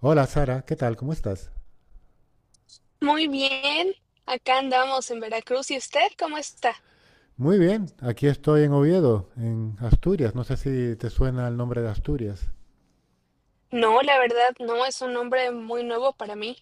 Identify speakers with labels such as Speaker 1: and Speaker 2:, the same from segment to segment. Speaker 1: Hola Sara, ¿qué tal? ¿Cómo estás?
Speaker 2: Muy bien, acá andamos en Veracruz. ¿Y usted cómo está?
Speaker 1: Muy bien, aquí estoy en Oviedo, en Asturias. No sé si te suena el nombre de Asturias.
Speaker 2: No, la verdad, no es un nombre muy nuevo para mí.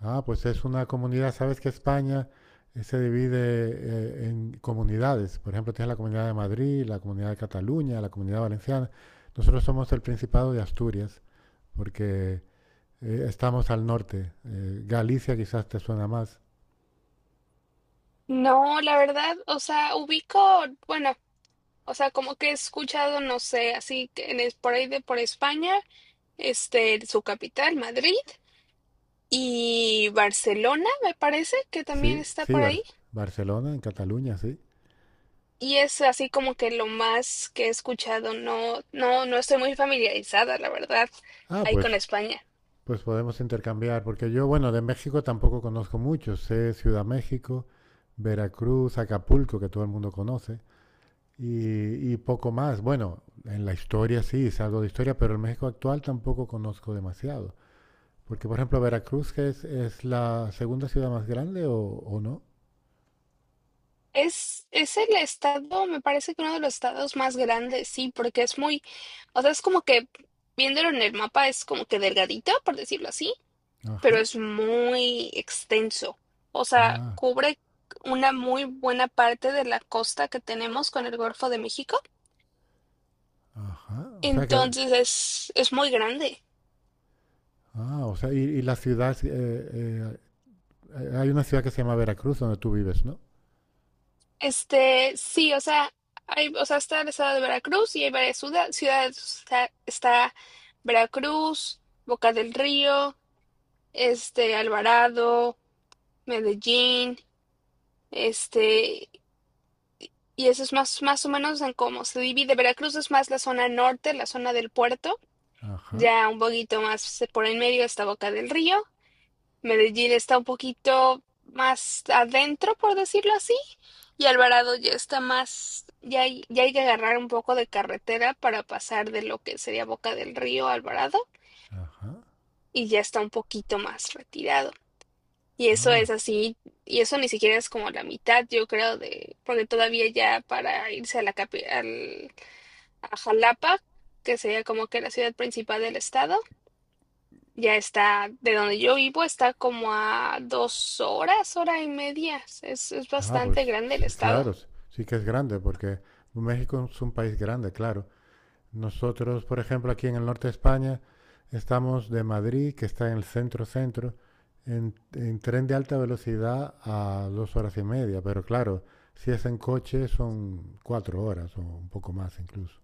Speaker 1: Ah, pues es una comunidad, sabes que España se divide en comunidades. Por ejemplo, tienes la Comunidad de Madrid, la Comunidad de Cataluña, la Comunidad Valenciana. Nosotros somos el Principado de Asturias, porque estamos al norte. Galicia quizás te suena más.
Speaker 2: No, la verdad, o sea, ubico, bueno, o sea, como que he escuchado, no sé, así que por ahí de por España, su capital, Madrid, y Barcelona, me parece que también
Speaker 1: Sí,
Speaker 2: está
Speaker 1: sí,
Speaker 2: por ahí.
Speaker 1: Barcelona, en Cataluña, sí.
Speaker 2: Y es así como que lo más que he escuchado. No, no, estoy muy familiarizada, la verdad,
Speaker 1: Ah,
Speaker 2: ahí con
Speaker 1: pues
Speaker 2: España.
Speaker 1: Pues podemos intercambiar, porque yo, bueno, de México tampoco conozco mucho. Sé Ciudad México, Veracruz, Acapulco, que todo el mundo conoce, y poco más. Bueno, en la historia sí, sé algo de historia, pero el México actual tampoco conozco demasiado. Porque, por ejemplo, Veracruz, que es la segunda ciudad más grande o no.
Speaker 2: Es el estado, me parece que uno de los estados más grandes, sí, porque es muy, o sea, es como que viéndolo en el mapa es como que delgadita, por decirlo así, pero
Speaker 1: Ajá.
Speaker 2: es muy extenso. O sea,
Speaker 1: Ah,
Speaker 2: cubre una muy buena parte de la costa que tenemos con el Golfo de México.
Speaker 1: ajá. O sea que,
Speaker 2: Entonces es muy grande.
Speaker 1: ah, o sea, y la ciudad, hay una ciudad que se llama Veracruz donde tú vives, ¿no?
Speaker 2: Sí, o sea, hay, o sea, está el estado de Veracruz y hay varias ciudades. Está Veracruz, Boca del Río, Alvarado, Medellín, este, y eso es más, más o menos en cómo se divide. Veracruz es más la zona norte, la zona del puerto,
Speaker 1: Ajá,
Speaker 2: ya un poquito más por en medio está Boca del Río. Medellín está un poquito más adentro, por decirlo así, y Alvarado ya está más, ya hay que agarrar un poco de carretera para pasar de lo que sería Boca del Río a Alvarado,
Speaker 1: ajá.
Speaker 2: y ya está un poquito más retirado. Y eso es
Speaker 1: Ah,
Speaker 2: así, y eso ni siquiera es como la mitad, yo creo, de, porque todavía ya para irse a a Jalapa, que sería como que la ciudad principal del estado, ya está, de donde yo vivo, está como a dos horas, hora y media. Es
Speaker 1: Ah,
Speaker 2: bastante
Speaker 1: pues
Speaker 2: grande
Speaker 1: sí,
Speaker 2: el
Speaker 1: claro,
Speaker 2: estado.
Speaker 1: sí sí que es grande, porque México es un país grande, claro. Nosotros, por ejemplo, aquí en el norte de España, estamos de Madrid, que está en el centro-centro, en tren de alta velocidad a 2 horas y media, pero claro, si es en coche son 4 horas o un poco más incluso.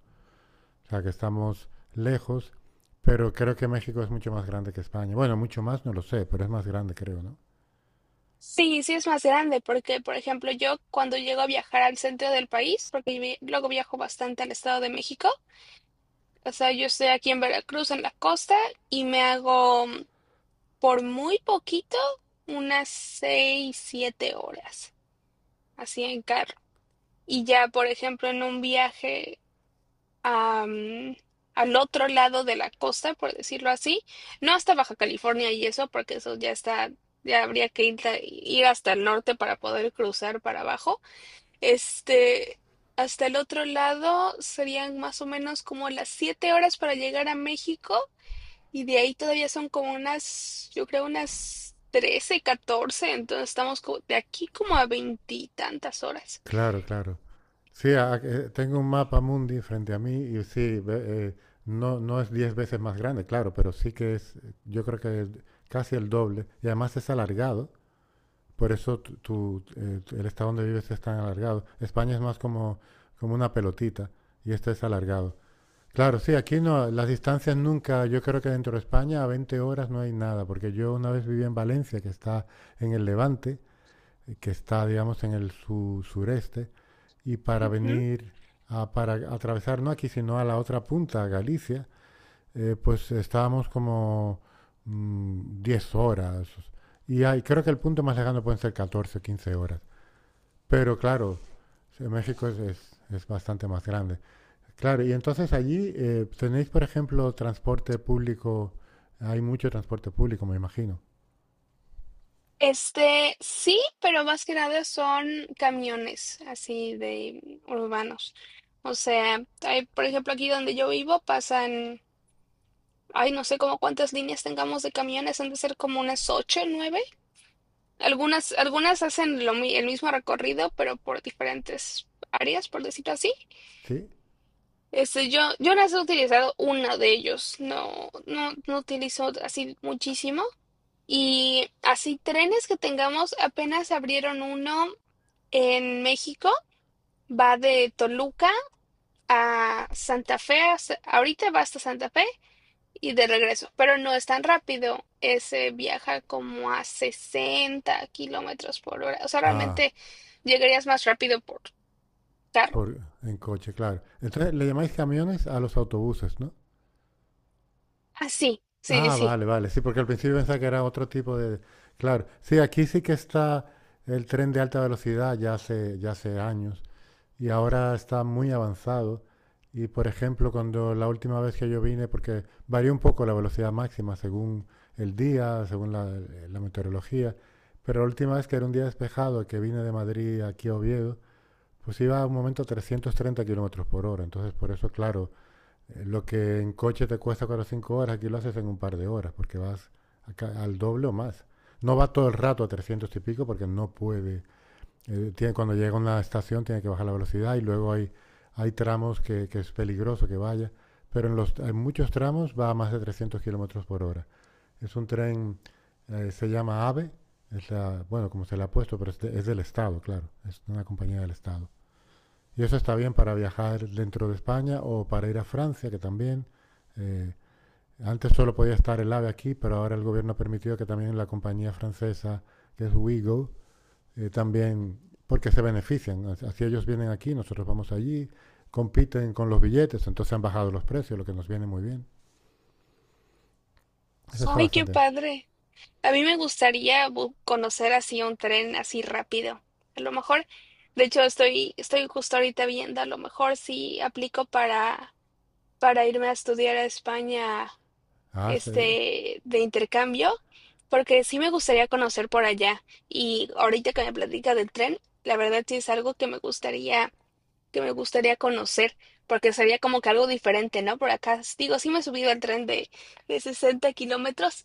Speaker 1: O sea que estamos lejos, pero creo que México es mucho más grande que España. Bueno, mucho más no lo sé, pero es más grande creo, ¿no?
Speaker 2: Sí, es más grande, porque por ejemplo yo cuando llego a viajar al centro del país, luego viajo bastante al estado de México, o sea, yo estoy aquí en Veracruz, en la costa, y me hago. Por muy poquito, unas seis, siete horas, así en carro. Y ya, por ejemplo, en un viaje a, al otro lado de la costa, por decirlo así, no hasta Baja California y eso, porque eso ya está, ya habría que ir, ir hasta el norte para poder cruzar para abajo. Este, hasta el otro lado serían más o menos como las siete horas para llegar a México y de ahí todavía son como unas, yo creo unas 13 catorce, entonces de aquí como a veintitantas horas.
Speaker 1: Claro, claro. Sí, tengo un mapa mundi frente a mí y sí, no, no es 10 veces más grande, claro, pero sí que es, yo creo que es casi el doble y además es alargado, por eso el estado donde vives es tan alargado. España es más como una pelotita y este es alargado. Claro, sí, aquí no, las distancias nunca, yo creo que dentro de España a 20 horas no hay nada, porque yo una vez viví en Valencia, que está en el Levante, que está, digamos, en el sureste y para
Speaker 2: Ujú.
Speaker 1: venir para atravesar, no aquí, sino a la otra punta, Galicia, pues estábamos como 10 horas. Y hay, creo que el punto más lejano pueden ser 14 o 15 horas. Pero claro, México es bastante más grande. Claro, y entonces allí tenéis, por ejemplo, transporte público. Hay mucho transporte público, me imagino.
Speaker 2: Sí, pero más que nada son camiones así de urbanos. O sea, hay, por ejemplo, aquí donde yo vivo pasan, ay, no sé cómo cuántas líneas tengamos de camiones, han de ser como unas ocho, nueve. Algunas hacen el mismo recorrido, pero por diferentes áreas, por decirlo así.
Speaker 1: ¿Sí?
Speaker 2: Yo las he utilizado una de ellos, no, utilizo así muchísimo. Y así trenes que tengamos, apenas abrieron uno en México, va de Toluca a Santa Fe, ahorita va hasta Santa Fe y de regreso, pero no es tan rápido, ese viaja como a 60 kilómetros por hora, o sea,
Speaker 1: Ah,
Speaker 2: realmente llegarías más rápido por carro.
Speaker 1: por, en coche, claro. Entonces le llamáis camiones a los autobuses, ¿no?
Speaker 2: Ah, sí, sí,
Speaker 1: Ah,
Speaker 2: sí.
Speaker 1: vale, vale. Sí, porque al principio pensaba que era otro tipo de... Claro, sí, aquí sí que está el tren de alta velocidad ya hace años y ahora está muy avanzado. Y por ejemplo, cuando la última vez que yo vine, porque varía un poco la velocidad máxima según el día, según la meteorología, pero la última vez que era un día despejado, que vine de Madrid aquí a Oviedo, pues iba a un momento a 330 kilómetros por hora. Entonces, por eso, claro, lo que en coche te cuesta 4 o 5 horas, aquí lo haces en un par de horas, porque vas acá al doble o más. No va todo el rato a 300 y pico porque no puede. Cuando llega a una estación tiene que bajar la velocidad y luego hay tramos que es peligroso que vaya. Pero en muchos tramos va a más de 300 kilómetros por hora. Es un tren, se llama AVE, es la, bueno, como se le ha puesto, pero es del Estado, claro. Es una compañía del Estado. Y eso está bien para viajar dentro de España o para ir a Francia, que también. eh, Antes solo podía estar el AVE aquí, pero ahora el gobierno ha permitido que también la compañía francesa, que es Wigo, también, porque se benefician. Así ellos vienen aquí, nosotros vamos allí, compiten con los billetes, entonces han bajado los precios, lo que nos viene muy bien. Eso
Speaker 2: Sí.
Speaker 1: está
Speaker 2: Ay, qué
Speaker 1: bastante bien.
Speaker 2: padre. A mí me gustaría conocer así un tren así rápido. A lo mejor, de hecho, estoy justo ahorita viendo, a lo mejor sí aplico para irme a estudiar a España,
Speaker 1: Ah.
Speaker 2: de intercambio, porque sí me gustaría conocer por allá. Y ahorita que me platica del tren, la verdad sí es algo que me gustaría conocer, porque sería como que algo diferente, ¿no? Por acá, digo, sí me he subido al tren de 60 kilómetros,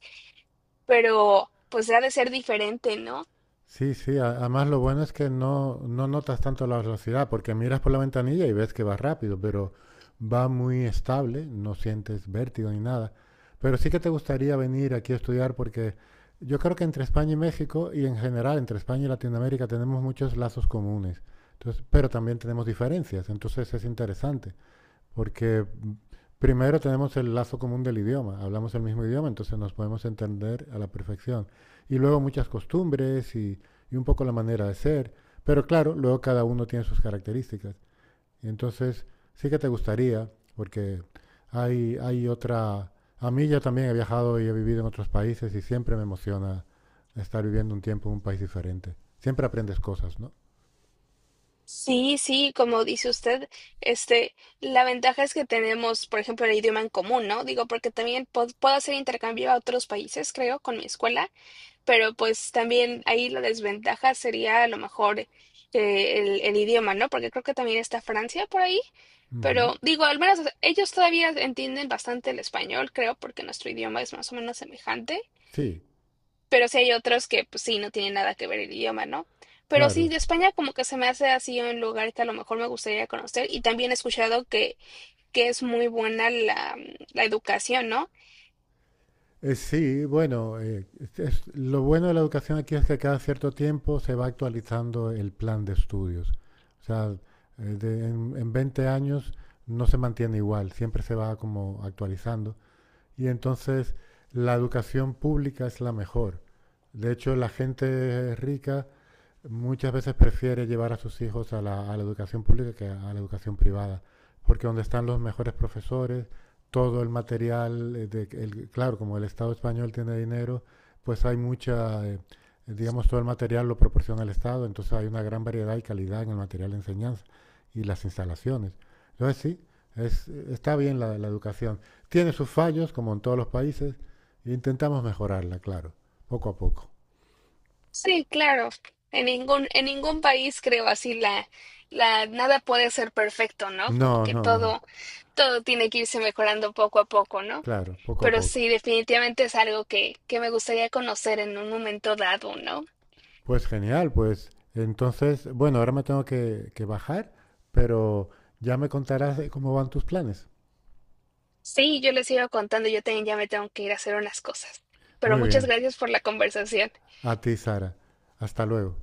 Speaker 2: pero pues ha de ser diferente, ¿no?
Speaker 1: Sí, sí, además lo bueno es que no, no notas tanto la velocidad, porque miras por la ventanilla y ves que va rápido, pero va muy estable, no sientes vértigo ni nada. Pero sí que te gustaría venir aquí a estudiar porque yo creo que entre España y México y en general entre España y Latinoamérica tenemos muchos lazos comunes, entonces, pero también tenemos diferencias, entonces es interesante. Porque primero tenemos el lazo común del idioma, hablamos el mismo idioma, entonces nos podemos entender a la perfección. Y luego muchas costumbres y un poco la manera de ser, pero claro, luego cada uno tiene sus características. Y entonces sí que te gustaría, porque hay otra... A mí ya también he viajado y he vivido en otros países y siempre me emociona estar viviendo un tiempo en un país diferente. Siempre aprendes cosas, ¿no?
Speaker 2: Sí, sí, como dice usted, este, la ventaja es que tenemos, por ejemplo, el idioma en común, ¿no? Digo, porque también puedo hacer intercambio a otros países, creo, con mi escuela, pero pues también ahí la desventaja sería a lo mejor el idioma, ¿no? Porque creo que también está Francia por ahí,
Speaker 1: Ujú.
Speaker 2: pero digo, al menos ellos todavía entienden bastante el español, creo, porque nuestro idioma es más o menos semejante.
Speaker 1: Sí,
Speaker 2: Pero sí hay otros que, pues sí, no tienen nada que ver el idioma, ¿no? Pero sí,
Speaker 1: claro.
Speaker 2: de España como que se me hace así un lugar que a lo mejor me gustaría conocer y también he escuchado que es muy buena la, la educación, ¿no?
Speaker 1: Sí, bueno, lo bueno de la educación aquí es que cada cierto tiempo se va actualizando el plan de estudios. O sea, en 20 años no se mantiene igual, siempre se va como actualizando. Y entonces la educación pública es la mejor. De hecho, la gente rica muchas veces prefiere llevar a sus hijos a a la educación pública que a la educación privada, porque donde están los mejores profesores, todo el material, claro, como el Estado español tiene dinero, pues hay mucha, digamos, todo el material lo proporciona el Estado, entonces hay una gran variedad y calidad en el material de enseñanza y las instalaciones. Entonces sí, está bien la educación. Tiene sus fallos, como en todos los países, e intentamos mejorarla, claro, poco a poco.
Speaker 2: Sí, claro. En ningún país creo así la, la, nada puede ser perfecto, ¿no? Como
Speaker 1: No,
Speaker 2: que
Speaker 1: no, no.
Speaker 2: todo, todo tiene que irse mejorando poco a poco, ¿no?
Speaker 1: Claro, poco a
Speaker 2: Pero
Speaker 1: poco.
Speaker 2: sí, definitivamente es algo que me gustaría conocer en un momento dado, ¿no?
Speaker 1: Pues genial, pues entonces, bueno, ahora me tengo que bajar, pero ya me contarás de cómo van tus planes.
Speaker 2: Sí, yo les sigo contando, yo también ya me tengo que ir a hacer unas cosas. Pero
Speaker 1: Muy
Speaker 2: muchas
Speaker 1: bien,
Speaker 2: gracias por la conversación.
Speaker 1: a ti, Sara. Hasta luego.